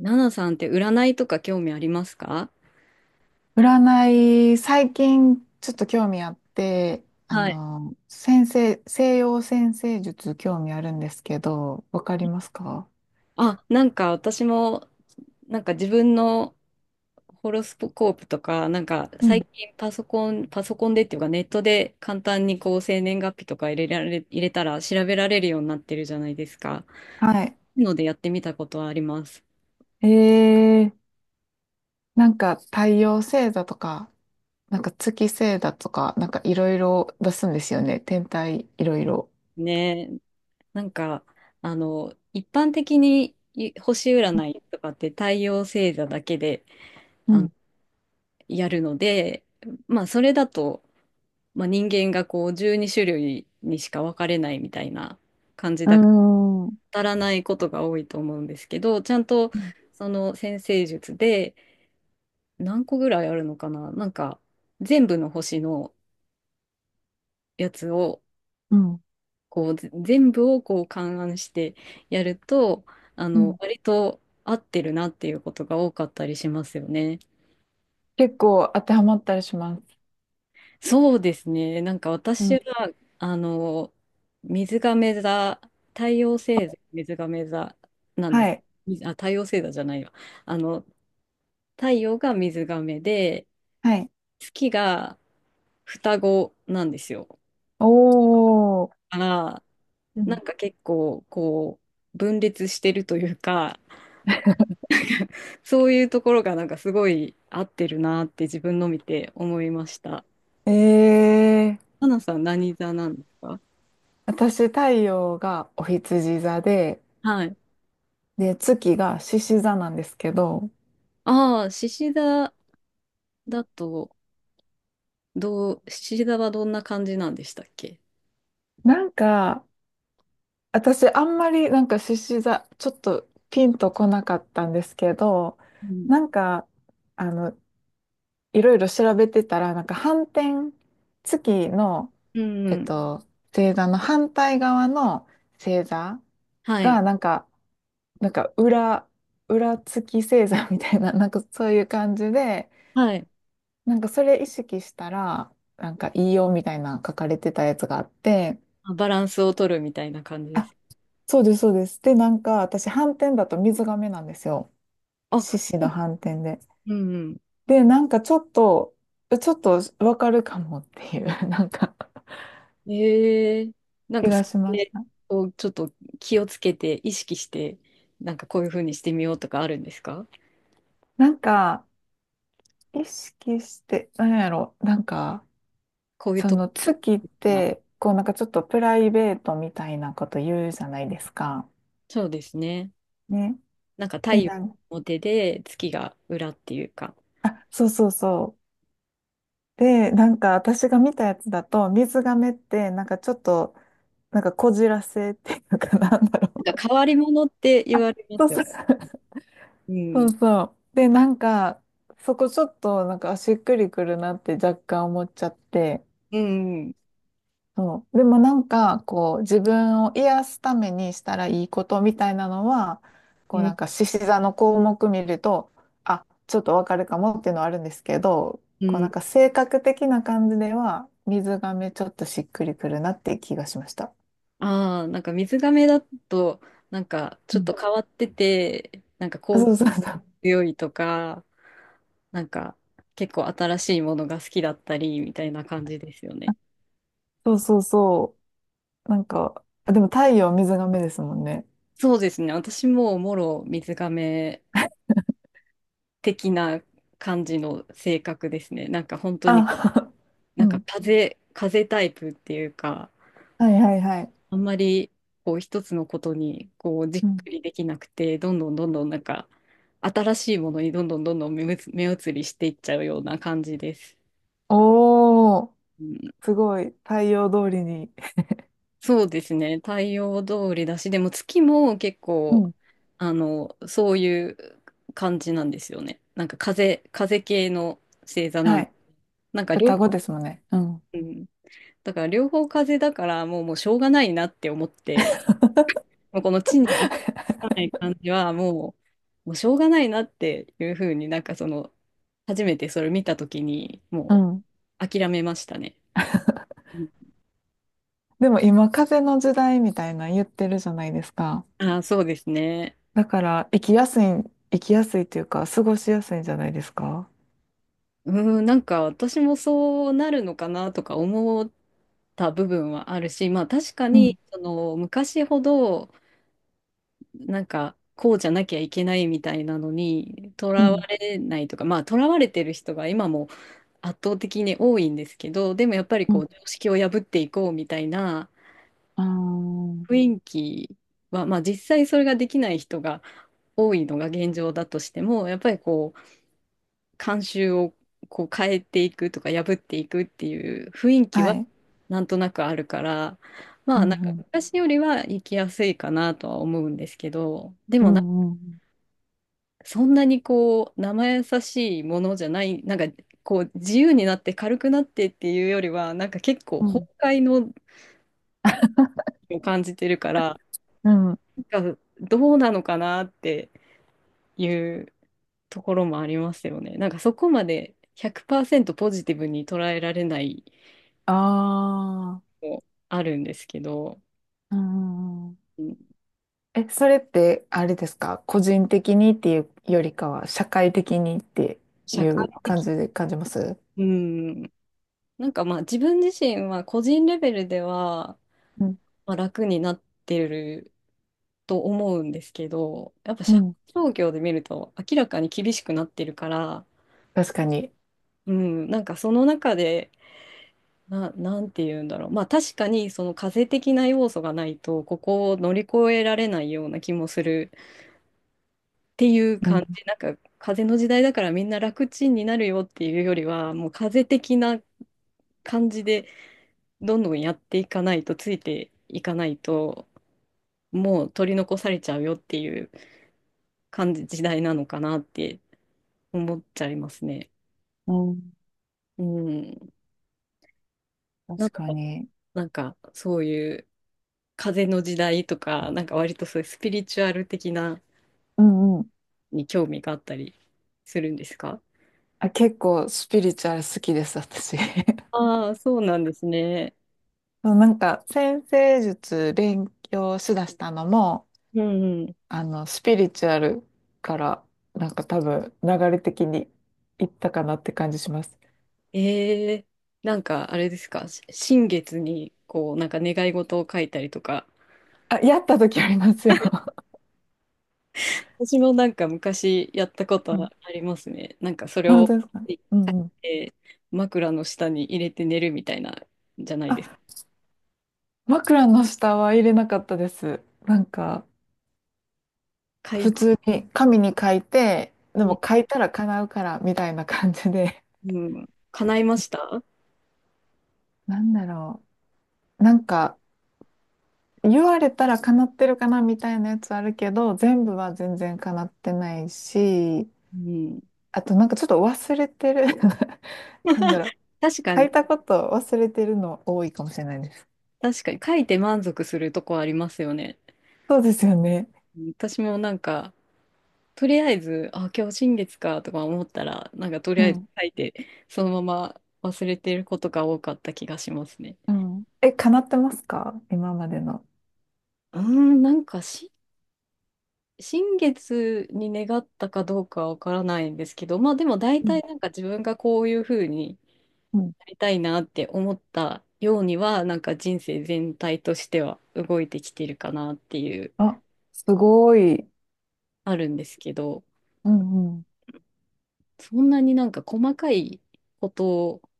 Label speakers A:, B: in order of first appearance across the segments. A: ナナさんって占いとか興味ありますか？
B: 占い、最近ちょっと興味あって、
A: はい。
B: 先生、西洋占星術興味あるんですけど、わかりますか？
A: あ、なんか私も、なんか自分のホロスコープとか、なんか
B: う
A: 最
B: ん。
A: 近パソコンでっていうかネットで簡単にこう生年月日とか入れたら調べられるようになってるじゃないですか。
B: はい。
A: のでやってみたことはあります。
B: えー、なんか太陽星座とか、なんか月星座とか、なんかいろいろ出すんですよね。天体いろいろ。
A: ねえ、なんか、一般的にい星占いとかって太陽星座だけで、
B: う
A: あの、
B: ん。
A: やるので、まあ、それだと、まあ、人間がこう12種類にしか分かれないみたいな感じ
B: うー
A: だから
B: ん。
A: 当たらないことが多いと思うんですけど、ちゃんと
B: うん
A: その占星術で何個ぐらいあるのかな、なんか全部の星のやつを
B: うん。
A: こう全部をこう勘案してやると、あの割と合ってるなっていうことが多かったりしますよね。
B: 結構当てはまったりします。
A: そうですね。なんか
B: う
A: 私
B: ん。
A: は、あの、水亀座、太陽星座、水亀座なんで
B: は
A: す。
B: い。
A: みあ、太陽星座じゃないわ。あの、太陽が水亀で、
B: はい。
A: 月が双子なんですよ。
B: おー。
A: だから、
B: う
A: な
B: ん。
A: んか結構、こう、分裂してるというか、そういうところがなんかすごい合ってるなって自分の見て思いました。
B: えー。
A: 花さん何座なんですか？
B: 私、太陽がお羊座で、
A: はい。
B: 月が獅子座なんですけど、
A: ああ、獅子座だと、どう、七座はどんな感じなんでしたっけ？
B: なんか、私、あんまりなんか獅子座、ちょっとピンとこなかったんですけど、
A: うん、
B: なんか、あの、いろいろ調べてたら、なんか反転、月の、
A: うん
B: え
A: う
B: っ
A: ん。
B: と、星座の反対側の星座
A: はい。
B: が、なんか、なんか裏、裏月星座みたいな、なんかそういう感じで、
A: はい。
B: なんかそれ意識したら、なんかいいよみたいな書かれてたやつがあって、
A: あ、バランスを取るみたいな感じで
B: あ、
A: す。
B: そうです、そうです。で、なんか私、斑点だと水亀なんですよ。
A: あ、
B: 獅子の斑点で。
A: うん
B: で、なんかちょっと、わかるかもっていう、なんか
A: うん。ええ、なん
B: 気
A: かそ
B: がしまし
A: れ
B: た。
A: をちょっと気をつけて、意識して、なんかこういうふうにしてみようとかあるんですか？
B: なんか、意識して、なんやろ、なんか、
A: こういう
B: そ
A: とこ
B: の月っ
A: かな。
B: て、こうなんかちょっとプライベートみたいなこと言うじゃないですか。
A: そうですね。
B: ね。
A: なんか太
B: で、
A: 陽の
B: なん
A: 表で月が裏っていうか、
B: あ、そうそうそう。で、なんか私が見たやつだと、水亀って、なんかちょっと、なんかこじらせっていうかなんだろ
A: なん
B: う。
A: か変わり者って言
B: あ、
A: われま
B: そう
A: すよ。
B: そう。
A: う
B: そう
A: ん。
B: そう。で、なんか、そこちょっと、なんか、あしっくりくるなって若干思っちゃって。
A: うんうん。
B: そう。でもなんか、こう、自分を癒すためにしたらいいことみたいなのは、
A: う
B: こうな
A: ん。
B: んか、獅子座の項目見ると、あ、ちょっとわかるかもっていうのはあるんですけど、
A: う
B: こうな
A: ん。
B: んか、性格的な感じでは、水亀ちょっとしっくりくるなっていう気がしました。
A: ああ、なんか水亀だと、なんか
B: う
A: ちょっ
B: ん。
A: と変わってて、なんか
B: あ、
A: こ
B: そ
A: う
B: うそうそう。
A: 強いとか、なんか結構新しいものが好きだったりみたいな感じですよ
B: あ、
A: ね。
B: そうそうそう。なんか、あでも太陽水亀ですもんね。
A: そうですね。私ももろ水亀的な感じの性格ですね。なんか本当に
B: あ、う
A: なんか
B: ん。
A: 風タイプっていうか、
B: はいはいはい。
A: あんまりこう一つのことにこうじっ
B: うん。
A: くりできなくて、どんどんどんどんなんか新しいものにどんどんどんどん目移りしていっちゃうような感じです。
B: おー、
A: うん、
B: すごい。太陽通りに。
A: そうですね。太陽通りだし、でも月も結
B: う
A: 構、
B: ん。
A: あの、そういう感じなんですよね。なんか風系の星座な
B: は
A: の。
B: い。
A: なんか両、
B: 双子ですもんね。うん。
A: うん、だから両方風だからもう、もうしょうがないなって思って、もうこの地にない感じはもう、もうしょうがないなっていうふうになんかその初めてそれ見た時に
B: う
A: も
B: ん。
A: う諦めましたね。うん。
B: でも今、風の時代みたいなの言ってるじゃないですか。
A: ああそうですね。
B: だから、生きやすい、生きやすいというか、過ごしやすいんじゃないですか？
A: うん、なんか私もそうなるのかなとか思った部分はあるし、まあ確か
B: う
A: に
B: ん、
A: その昔ほどなんかこうじゃなきゃいけないみたいなのにと
B: う
A: ら
B: ん、
A: われないとか、まあとらわれてる人が今も圧倒的に多いんですけど、でもやっぱり
B: う
A: こ
B: ん。
A: う常識を破っていこうみたいな
B: あ
A: 雰囲気は、まあ、実際それができない人が多いのが現状だとしても、やっぱりこう慣習をこう変えていくとか破っていくっていう雰囲
B: あ。
A: 気
B: は
A: は
B: い。
A: なんとなくあるから、
B: う
A: まあなん
B: ん、
A: か
B: うん、
A: 昔よりは生きやすいかなとは思うんですけど、で
B: う
A: もな、
B: ん、うん、
A: そんなにこう生優しいものじゃない、なんかこう自由になって軽くなってっていうよりはなんか結構
B: う
A: 崩
B: ん。
A: 壊のを感じてるから、
B: うん。
A: なんかどうなのかなっていうところもありますよね。なんかそこまで100%ポジティブに捉えられない
B: ああ。
A: もあるんですけど、
B: うん、うん。
A: うん、
B: え、それって、あれですか？個人的にっていうよりかは、社会的にって
A: 社
B: い
A: 会
B: う感
A: 的、
B: じで感じます？
A: うん、なんかまあ自分自身は個人レベルでは、
B: うん、
A: まあ、楽になってると思うんですけど、やっぱ
B: う
A: 社会
B: ん、
A: 状況で見ると明らかに厳しくなってるから、
B: 確かに。
A: うん、なんかその中で、なんて言うんだろう。まあ確かにその風邪的な要素がないと、ここを乗り越えられないような気もするっていう
B: う
A: 感
B: ん、
A: じ、なんか風の時代だからみんな楽ちんになるよっていうよりは、もう風的な感じでどんどんやっていかないと、ついていかないと、もう取り残されちゃうよっていう感じ、時代なのかなって思っちゃいますね。
B: うん。
A: うん。なん
B: 確
A: か、
B: かに。
A: なんかそういう風の時代とか、なんか割とそういうスピリチュアル的な
B: うんうん。
A: に興味があったりするんですか？
B: あ、結構スピリチュアル好きです、私。
A: ああー、そうなんですね。
B: そう、なんか、占星術勉強しだしたのも、
A: うんうん。
B: スピリチュアルから、なんか多分、流れ的にいったかなって感じします。
A: ええ、なんかあれですか、新月にこうなんか願い事を書いたりとか、
B: あ、やった時ありますよ。
A: 私もなんか昔やったこと
B: う
A: あ
B: ん。
A: りますね。なんかそれ
B: あ、本
A: を
B: 当ですか？
A: 書い
B: うんうん。
A: て枕の下に入れて寝るみたいなじゃないで
B: あ、
A: す
B: 枕の下は入れなかったです。なんか、
A: か。書い、
B: 普通に紙に書いて、で
A: うん
B: も書いたら叶うから、みたいな感じで。
A: うん、叶いました、
B: なんだろう。なんか、言われたら叶ってるかなみたいなやつあるけど、全部は全然叶ってないし、
A: うん、
B: あとなんかちょっと忘れてる。なんだろう。
A: 確か
B: 書
A: に、
B: いたこと忘れてるの多いかもしれないです。
A: 確かに書いて満足するとこありますよね。
B: そうですよね。
A: うん、私もなんかとりあえず、あ、今日新月かとか思ったら、なんかとり
B: う
A: あえず
B: ん。
A: 書いて、そのまま忘れてることが多かった気がしますね。
B: うん。え、叶ってますか今までの？
A: うーん、なんか新月に願ったかどうかわからないんですけど、まあでも大
B: うん
A: 体なんか自分がこういうふうに
B: うん。
A: なりたいなって思ったようには、なんか人生全体としては動いてきてるかなっていう、
B: あ、すごい。
A: あるんですけど、
B: うんうん
A: そんなになんか細かいことっ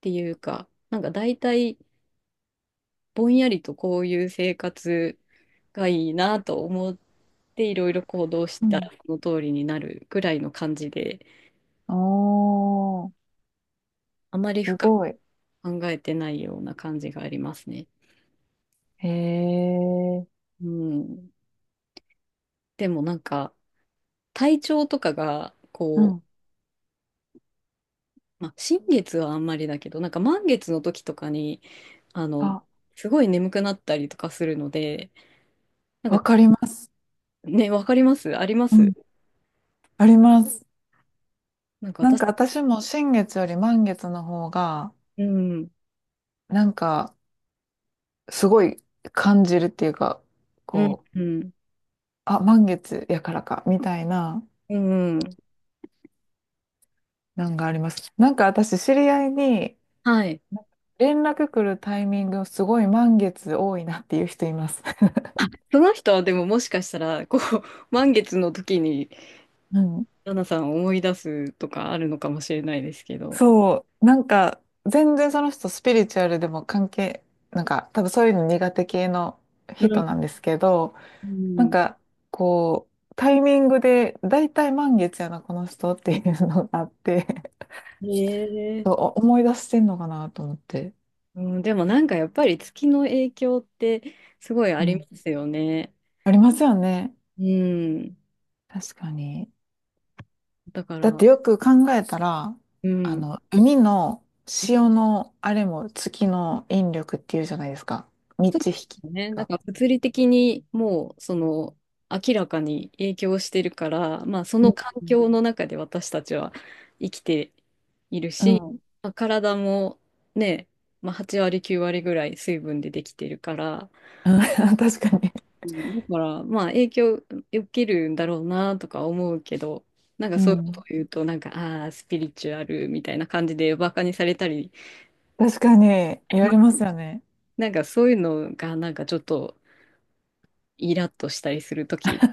A: ていうか、なんか大体、ぼんやりとこういう生活がいいなと思っていろいろ行動し
B: う
A: たら
B: ん。
A: その通りになるぐらいの感じで、
B: おー、
A: あまり
B: す
A: 深く
B: ごい。
A: 考えてないような感じがありますね。
B: へえ。
A: うん、でもなんか体調とかが
B: う
A: こ
B: ん。
A: う、まあ、新月はあんまりだけどなんか満月の時とかにあの
B: あ、
A: すごい眠くなったりとかするので、なん
B: わ
A: か
B: かります。
A: ねわかります、ありま
B: う
A: す、
B: ん。あります。
A: なんか
B: なん
A: 私、
B: か私も新月より満月の方が、
A: うん
B: なんかすごい感じるっていうか、
A: うん
B: こ
A: う
B: う、
A: ん
B: あ、満月やからか、みたいな、
A: うん、
B: なんがあります。なんか私知り合いに、
A: はい、
B: 連絡来るタイミングすごい満月多いなっていう人います。
A: その人はでももしかしたら、こう、満月の時に、
B: うん。
A: ラナさんを思い出すとかあるのかもしれないですけど。
B: そう、なんか全然その人スピリチュアルでも関係、なんか多分そういうの苦手系の
A: う
B: 人
A: ん。
B: なんですけど、
A: う
B: なん
A: ん。
B: か、こう、タイミングで、だいたい満月やな、この人っていうのがあって、
A: へ え。
B: そう、思い出してんのかなと思って。
A: うん、でもなんかやっぱり月の影響ってすごいあ
B: う
A: り
B: ん。
A: ますよね。
B: ありますよね。
A: うん。
B: 確かに。
A: だか
B: だっ
A: ら、
B: てよく考えたら、
A: うん。
B: 海の潮のあれも月の引力っていうじゃないですか。満
A: そうで
B: ち引きって
A: す
B: いう
A: ね。なん
B: か。
A: か物理的にもうその明らかに影響してるから、まあそ
B: うん
A: の環
B: う
A: 境の中で私たちは生きている
B: ん。う
A: し、
B: ん
A: まあ、体もね、まあ、8割9割ぐらい水分でできてるから、
B: 確かに。
A: うん、だからまあ影響受けるんだろうなとか思うけど、なんか
B: う
A: そういうことを
B: ん。
A: 言うとなんかああースピリチュアルみたいな感じでバカにされたり、
B: 確かに、や
A: まあ
B: りますよね。
A: なんかそういうのがなんかちょっとイラッとしたりする時